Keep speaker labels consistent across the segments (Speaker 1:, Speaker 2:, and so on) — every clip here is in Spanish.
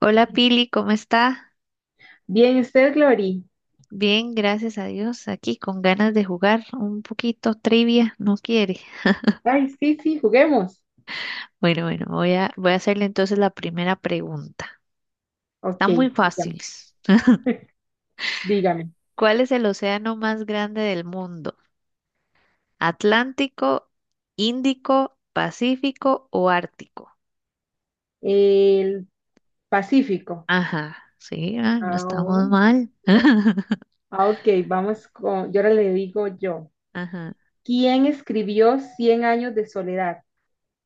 Speaker 1: Hola Pili, ¿cómo está?
Speaker 2: Bien, usted, Glory.
Speaker 1: Bien, gracias a Dios, aquí con ganas de jugar un poquito trivia, ¿no quiere?
Speaker 2: Ay, sí, sí, juguemos.
Speaker 1: Bueno, bueno, voy a hacerle entonces la primera pregunta.
Speaker 2: Ok,
Speaker 1: Está muy
Speaker 2: dígame.
Speaker 1: fácil.
Speaker 2: dígame.
Speaker 1: ¿Cuál es el océano más grande del mundo? ¿Atlántico, Índico, Pacífico o Ártico?
Speaker 2: El Pacífico.
Speaker 1: Ajá, sí, ah, no
Speaker 2: Ah,
Speaker 1: estamos
Speaker 2: oh,
Speaker 1: mal.
Speaker 2: ah, ok, yo ahora le digo yo.
Speaker 1: Ajá.
Speaker 2: ¿Quién escribió Cien años de soledad?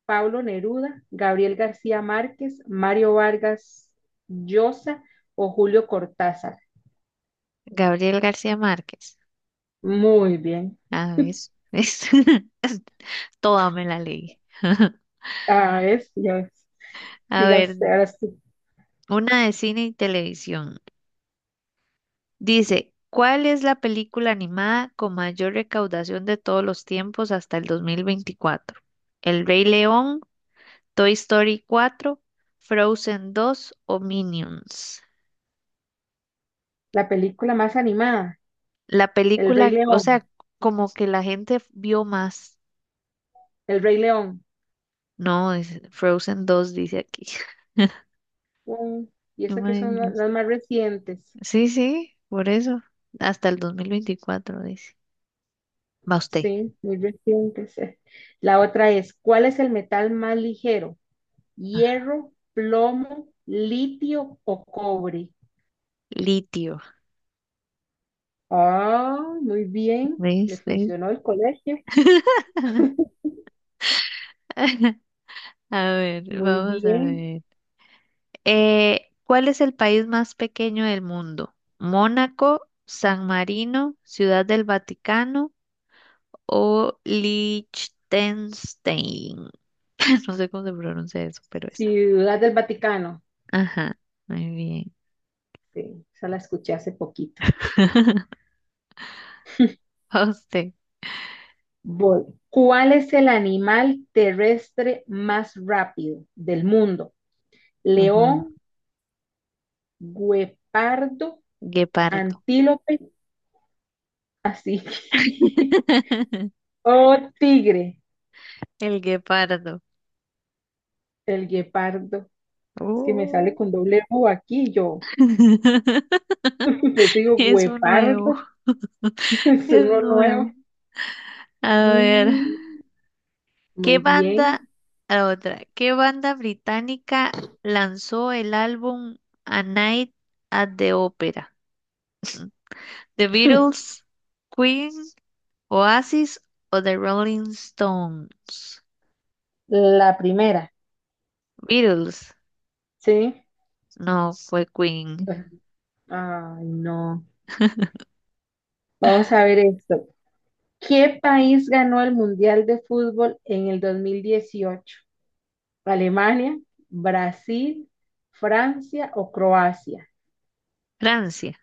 Speaker 2: Pablo Neruda, Gabriel García Márquez, Mario Vargas Llosa o Julio Cortázar.
Speaker 1: Gabriel García Márquez.
Speaker 2: Muy bien.
Speaker 1: Ah, ¿ves? ¿Ves? Toda me la leí.
Speaker 2: Ah, es, ya ves.
Speaker 1: A
Speaker 2: Diga usted,
Speaker 1: ver,
Speaker 2: ahora sí.
Speaker 1: una de cine y televisión. Dice, ¿cuál es la película animada con mayor recaudación de todos los tiempos hasta el 2024? ¿El Rey León, Toy Story cuatro, Frozen dos o Minions?
Speaker 2: La película más animada,
Speaker 1: La
Speaker 2: El Rey
Speaker 1: película, o sea,
Speaker 2: León.
Speaker 1: como que la gente vio más.
Speaker 2: El Rey León.
Speaker 1: No, es Frozen dos, dice aquí.
Speaker 2: Mm, Y esas que son
Speaker 1: Imagínese.
Speaker 2: las más recientes,
Speaker 1: Sí, sí, por eso. Hasta el 2024 dice. Va usted.
Speaker 2: sí, muy recientes. La otra es, ¿cuál es el metal más ligero? ¿Hierro, plomo, litio o cobre?
Speaker 1: Litio,
Speaker 2: Ah, muy bien, le
Speaker 1: ¿ves?
Speaker 2: funcionó el colegio,
Speaker 1: A ver,
Speaker 2: muy
Speaker 1: vamos a
Speaker 2: bien.
Speaker 1: ver. ¿Cuál es el país más pequeño del mundo? ¿Mónaco, San Marino, Ciudad del Vaticano o Liechtenstein? No sé cómo se pronuncia eso, pero esa.
Speaker 2: Ciudad del Vaticano,
Speaker 1: Ajá, muy bien.
Speaker 2: sí, esa la escuché hace poquito.
Speaker 1: A usted.
Speaker 2: Voy. ¿Cuál es el animal terrestre más rápido del mundo?
Speaker 1: Ajá.
Speaker 2: ¿León, guepardo,
Speaker 1: Guepardo.
Speaker 2: antílope? Así. Oh, tigre,
Speaker 1: El guepardo.
Speaker 2: el guepardo. Es que me sale
Speaker 1: Oh.
Speaker 2: con doble U aquí y yo. Pues digo,
Speaker 1: Es un nuevo,
Speaker 2: guepardo. Es
Speaker 1: es
Speaker 2: uno
Speaker 1: nuevo.
Speaker 2: nuevo.
Speaker 1: A ver.
Speaker 2: Mm,
Speaker 1: ¿Qué
Speaker 2: muy bien.
Speaker 1: banda, la otra, qué banda británica lanzó el álbum A Night at the Opera? ¿The Beatles, Queen, Oasis o The Rolling Stones?
Speaker 2: La primera,
Speaker 1: Beatles,
Speaker 2: ¿sí?
Speaker 1: no fue Queen.
Speaker 2: Ay, no. Vamos a ver esto. ¿Qué país ganó el Mundial de Fútbol en el 2018? ¿Alemania, Brasil, Francia o Croacia?
Speaker 1: Francia,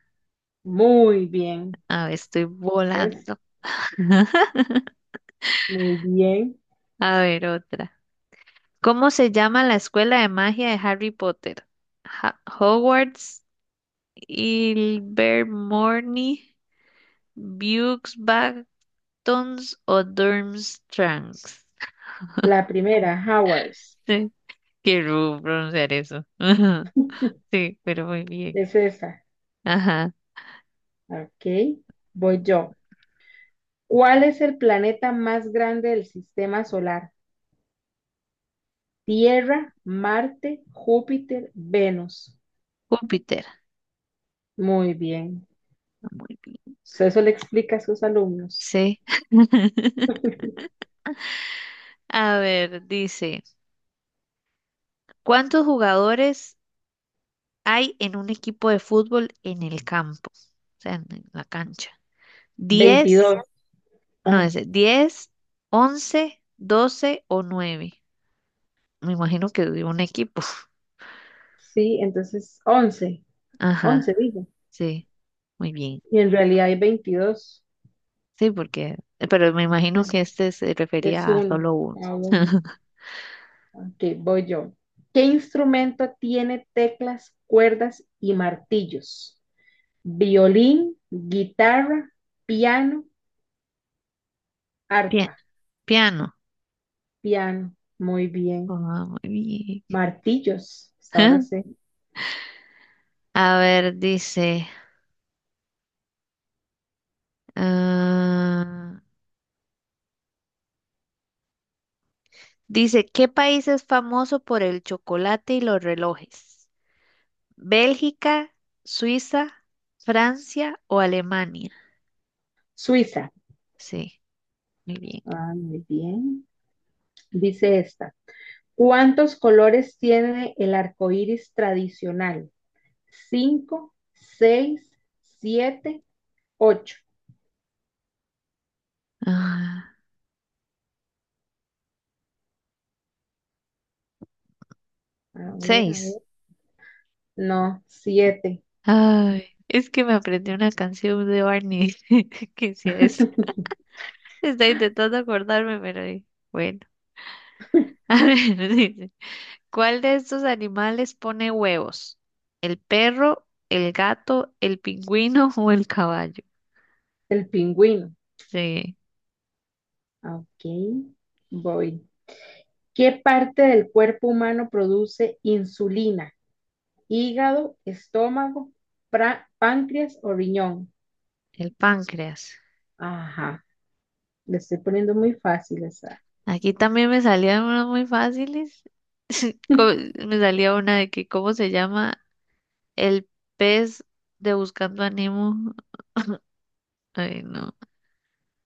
Speaker 2: Muy bien.
Speaker 1: a ver, estoy
Speaker 2: ¿Ves?
Speaker 1: volando.
Speaker 2: Muy bien.
Speaker 1: A ver, otra. ¿Cómo se llama la escuela de magia de Harry Potter? Hogwarts, Ilvermorny, Buxbach Tons o Durmstrang.
Speaker 2: La primera, Hours,
Speaker 1: Quiero pronunciar eso. Ajá, sí, pero muy bien.
Speaker 2: es esa.
Speaker 1: Ajá.
Speaker 2: Ok, voy yo. ¿Cuál es el planeta más grande del sistema solar? Tierra, Marte, Júpiter, Venus.
Speaker 1: Júpiter.
Speaker 2: Muy bien.
Speaker 1: Ah, muy bien.
Speaker 2: O sea, eso le explica a sus alumnos.
Speaker 1: Sí. A ver, dice, ¿cuántos jugadores hay en un equipo de fútbol en el campo? O sea, en la cancha. ¿Diez?
Speaker 2: 22.
Speaker 1: No,
Speaker 2: Ah,
Speaker 1: es 10, 11, 12 o nueve. Me imagino que de un equipo.
Speaker 2: sí, entonces once
Speaker 1: Ajá,
Speaker 2: once digo.
Speaker 1: sí, muy bien.
Speaker 2: Y en realidad hay 22.
Speaker 1: Sí, porque, pero me imagino que este se
Speaker 2: Es
Speaker 1: refería a
Speaker 2: uno
Speaker 1: solo uno.
Speaker 2: a uno. Ok, voy yo. ¿Qué instrumento tiene teclas, cuerdas y martillos? Violín, guitarra, piano,
Speaker 1: Pia-
Speaker 2: arpa,
Speaker 1: piano.
Speaker 2: piano. Muy bien.
Speaker 1: Ah, muy bien.
Speaker 2: Martillos, hasta ahora sé.
Speaker 1: A ver, dice, ah, dice, ¿qué país es famoso por el chocolate y los relojes? ¿Bélgica, Suiza, Francia o Alemania?
Speaker 2: Suiza.
Speaker 1: Sí, muy bien.
Speaker 2: Ah, muy bien. Dice esta. ¿Cuántos colores tiene el arco iris tradicional? Cinco, seis, siete, ocho.
Speaker 1: Ah,
Speaker 2: A ver, a
Speaker 1: seis.
Speaker 2: ver. No, siete.
Speaker 1: Ay, es que me aprendí una canción de Barney que decía eso. Estoy intentando acordarme, pero bueno. A ver, dice, ¿cuál de estos animales pone huevos? ¿El perro, el gato, el pingüino o el caballo?
Speaker 2: El pingüino.
Speaker 1: Sí,
Speaker 2: Ok, voy. ¿Qué parte del cuerpo humano produce insulina? ¿Hígado, estómago, páncreas o riñón?
Speaker 1: el páncreas.
Speaker 2: Ajá, le estoy poniendo muy fácil esa.
Speaker 1: Aquí también me salían unas muy fáciles. Co- Me salía una de que, ¿cómo se llama? El pez de Buscando a Nemo. Ay, no.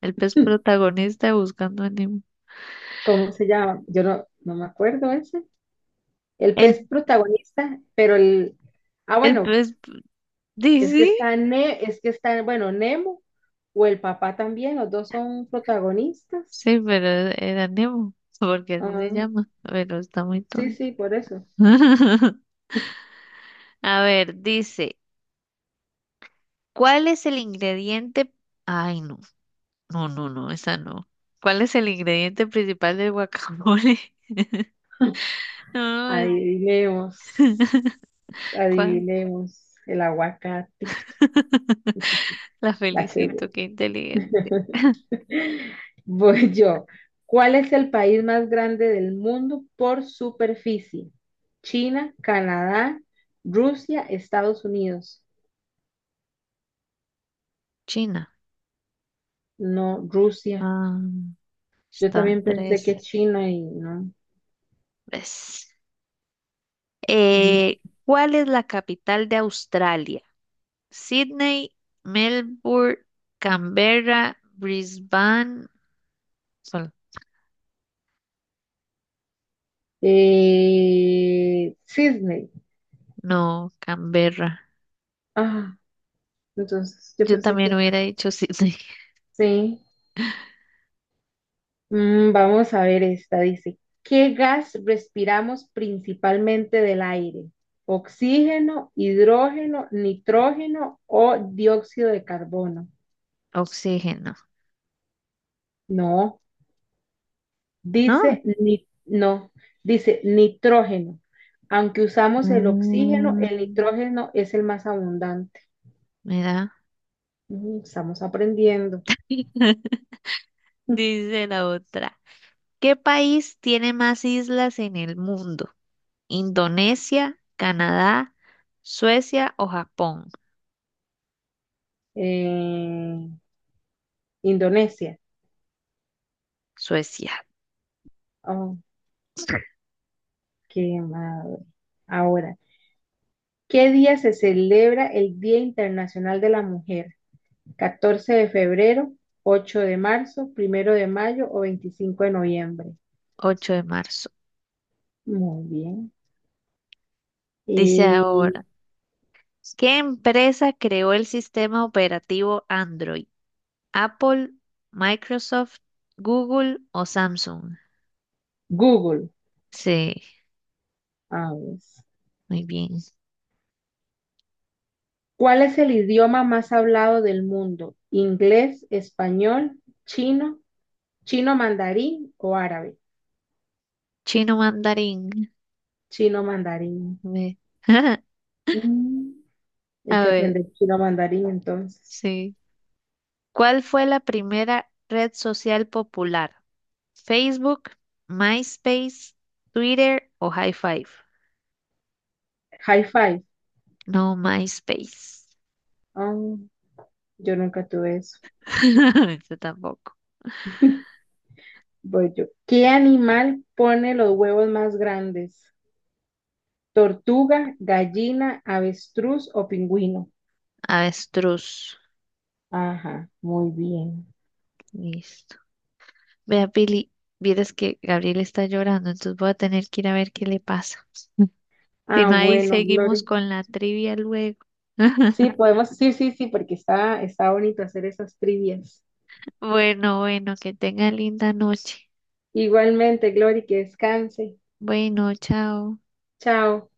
Speaker 1: El pez protagonista de Buscando a Nemo.
Speaker 2: ¿Cómo se llama? Yo no, no me acuerdo ese. El pez
Speaker 1: El,
Speaker 2: protagonista, pero el... Ah,
Speaker 1: el
Speaker 2: bueno,
Speaker 1: pez, ¿sí?
Speaker 2: es que está, bueno, Nemo o el papá también, los dos son protagonistas.
Speaker 1: Sí, pero era Nemo, porque así se
Speaker 2: Ah,
Speaker 1: llama. Pero está muy
Speaker 2: sí,
Speaker 1: tonto.
Speaker 2: sí, por eso.
Speaker 1: A ver, dice, ¿cuál es el ingrediente? Ay, no, no, no, no, esa no. ¿Cuál es el ingrediente principal del guacamole? No, es-
Speaker 2: Adivinemos,
Speaker 1: ¿cuál?
Speaker 2: adivinemos el aguacate.
Speaker 1: La
Speaker 2: La tribu.
Speaker 1: felicito, qué inteligente.
Speaker 2: Voy yo. ¿Cuál es el país más grande del mundo por superficie? China, Canadá, Rusia, Estados Unidos.
Speaker 1: China.
Speaker 2: No, Rusia.
Speaker 1: Ah,
Speaker 2: Yo
Speaker 1: estaba
Speaker 2: también
Speaker 1: entre
Speaker 2: pensé que
Speaker 1: esas.
Speaker 2: China y no.
Speaker 1: ¿Ves?
Speaker 2: Ujú.
Speaker 1: ¿Cuál es la capital de Australia? Sydney, Melbourne, Canberra, Brisbane. Sol-
Speaker 2: Sydney.
Speaker 1: No, Canberra.
Speaker 2: Ah, entonces yo
Speaker 1: Yo
Speaker 2: pensé que
Speaker 1: también hubiera dicho
Speaker 2: sí. Mm, vamos a ver esta, dice, ¿qué gas respiramos principalmente del aire? ¿Oxígeno, hidrógeno, nitrógeno o dióxido de carbono?
Speaker 1: oxígeno,
Speaker 2: No,
Speaker 1: ¿no?
Speaker 2: dice ni- no, dice nitrógeno. Aunque usamos el oxígeno, el
Speaker 1: Mm,
Speaker 2: nitrógeno es el más abundante.
Speaker 1: mira,
Speaker 2: Mm, estamos aprendiendo.
Speaker 1: dice la otra. ¿Qué país tiene más islas en el mundo? ¿Indonesia, Canadá, Suecia o Japón?
Speaker 2: Eh, Indonesia.
Speaker 1: Suecia.
Speaker 2: Oh, qué madre. Ahora. ¿Qué día se celebra el Día Internacional de la Mujer? ¿14 de febrero, 8 de marzo, primero de mayo o 25 de noviembre?
Speaker 1: 8 de marzo.
Speaker 2: Muy bien.
Speaker 1: Dice
Speaker 2: Y
Speaker 1: ahora, ¿qué empresa creó el sistema operativo Android? ¿Apple, Microsoft, Google o Samsung?
Speaker 2: Google,
Speaker 1: Sí,
Speaker 2: a ver.
Speaker 1: muy bien.
Speaker 2: ¿Cuál es el idioma más hablado del mundo? ¿Inglés, español, chino, chino mandarín o árabe?
Speaker 1: Chino mandarín.
Speaker 2: Chino mandarín.
Speaker 1: Ve.
Speaker 2: Mm, hay
Speaker 1: A
Speaker 2: que
Speaker 1: ver,
Speaker 2: aprender chino mandarín entonces.
Speaker 1: sí. ¿Cuál fue la primera red social popular? ¿Facebook, MySpace, Twitter o High Five?
Speaker 2: High five.
Speaker 1: No, MySpace.
Speaker 2: Ah, yo nunca tuve eso.
Speaker 1: Yo tampoco.
Speaker 2: Voy yo. ¿Qué animal pone los huevos más grandes? ¿Tortuga, gallina, avestruz o pingüino?
Speaker 1: Avestruz.
Speaker 2: Ajá, muy bien.
Speaker 1: Listo. Vea, Pili, vieras que Gabriel está llorando, entonces voy a tener que ir a ver qué le pasa. Si
Speaker 2: Ah,
Speaker 1: no, ahí
Speaker 2: bueno, Gloria.
Speaker 1: seguimos con la trivia luego.
Speaker 2: Sí, podemos, sí, sí, sí, porque está bonito hacer esas trivias.
Speaker 1: Bueno, bueno, que tenga linda noche.
Speaker 2: Igualmente, Glory, que descanse.
Speaker 1: Bueno, chao.
Speaker 2: Chao.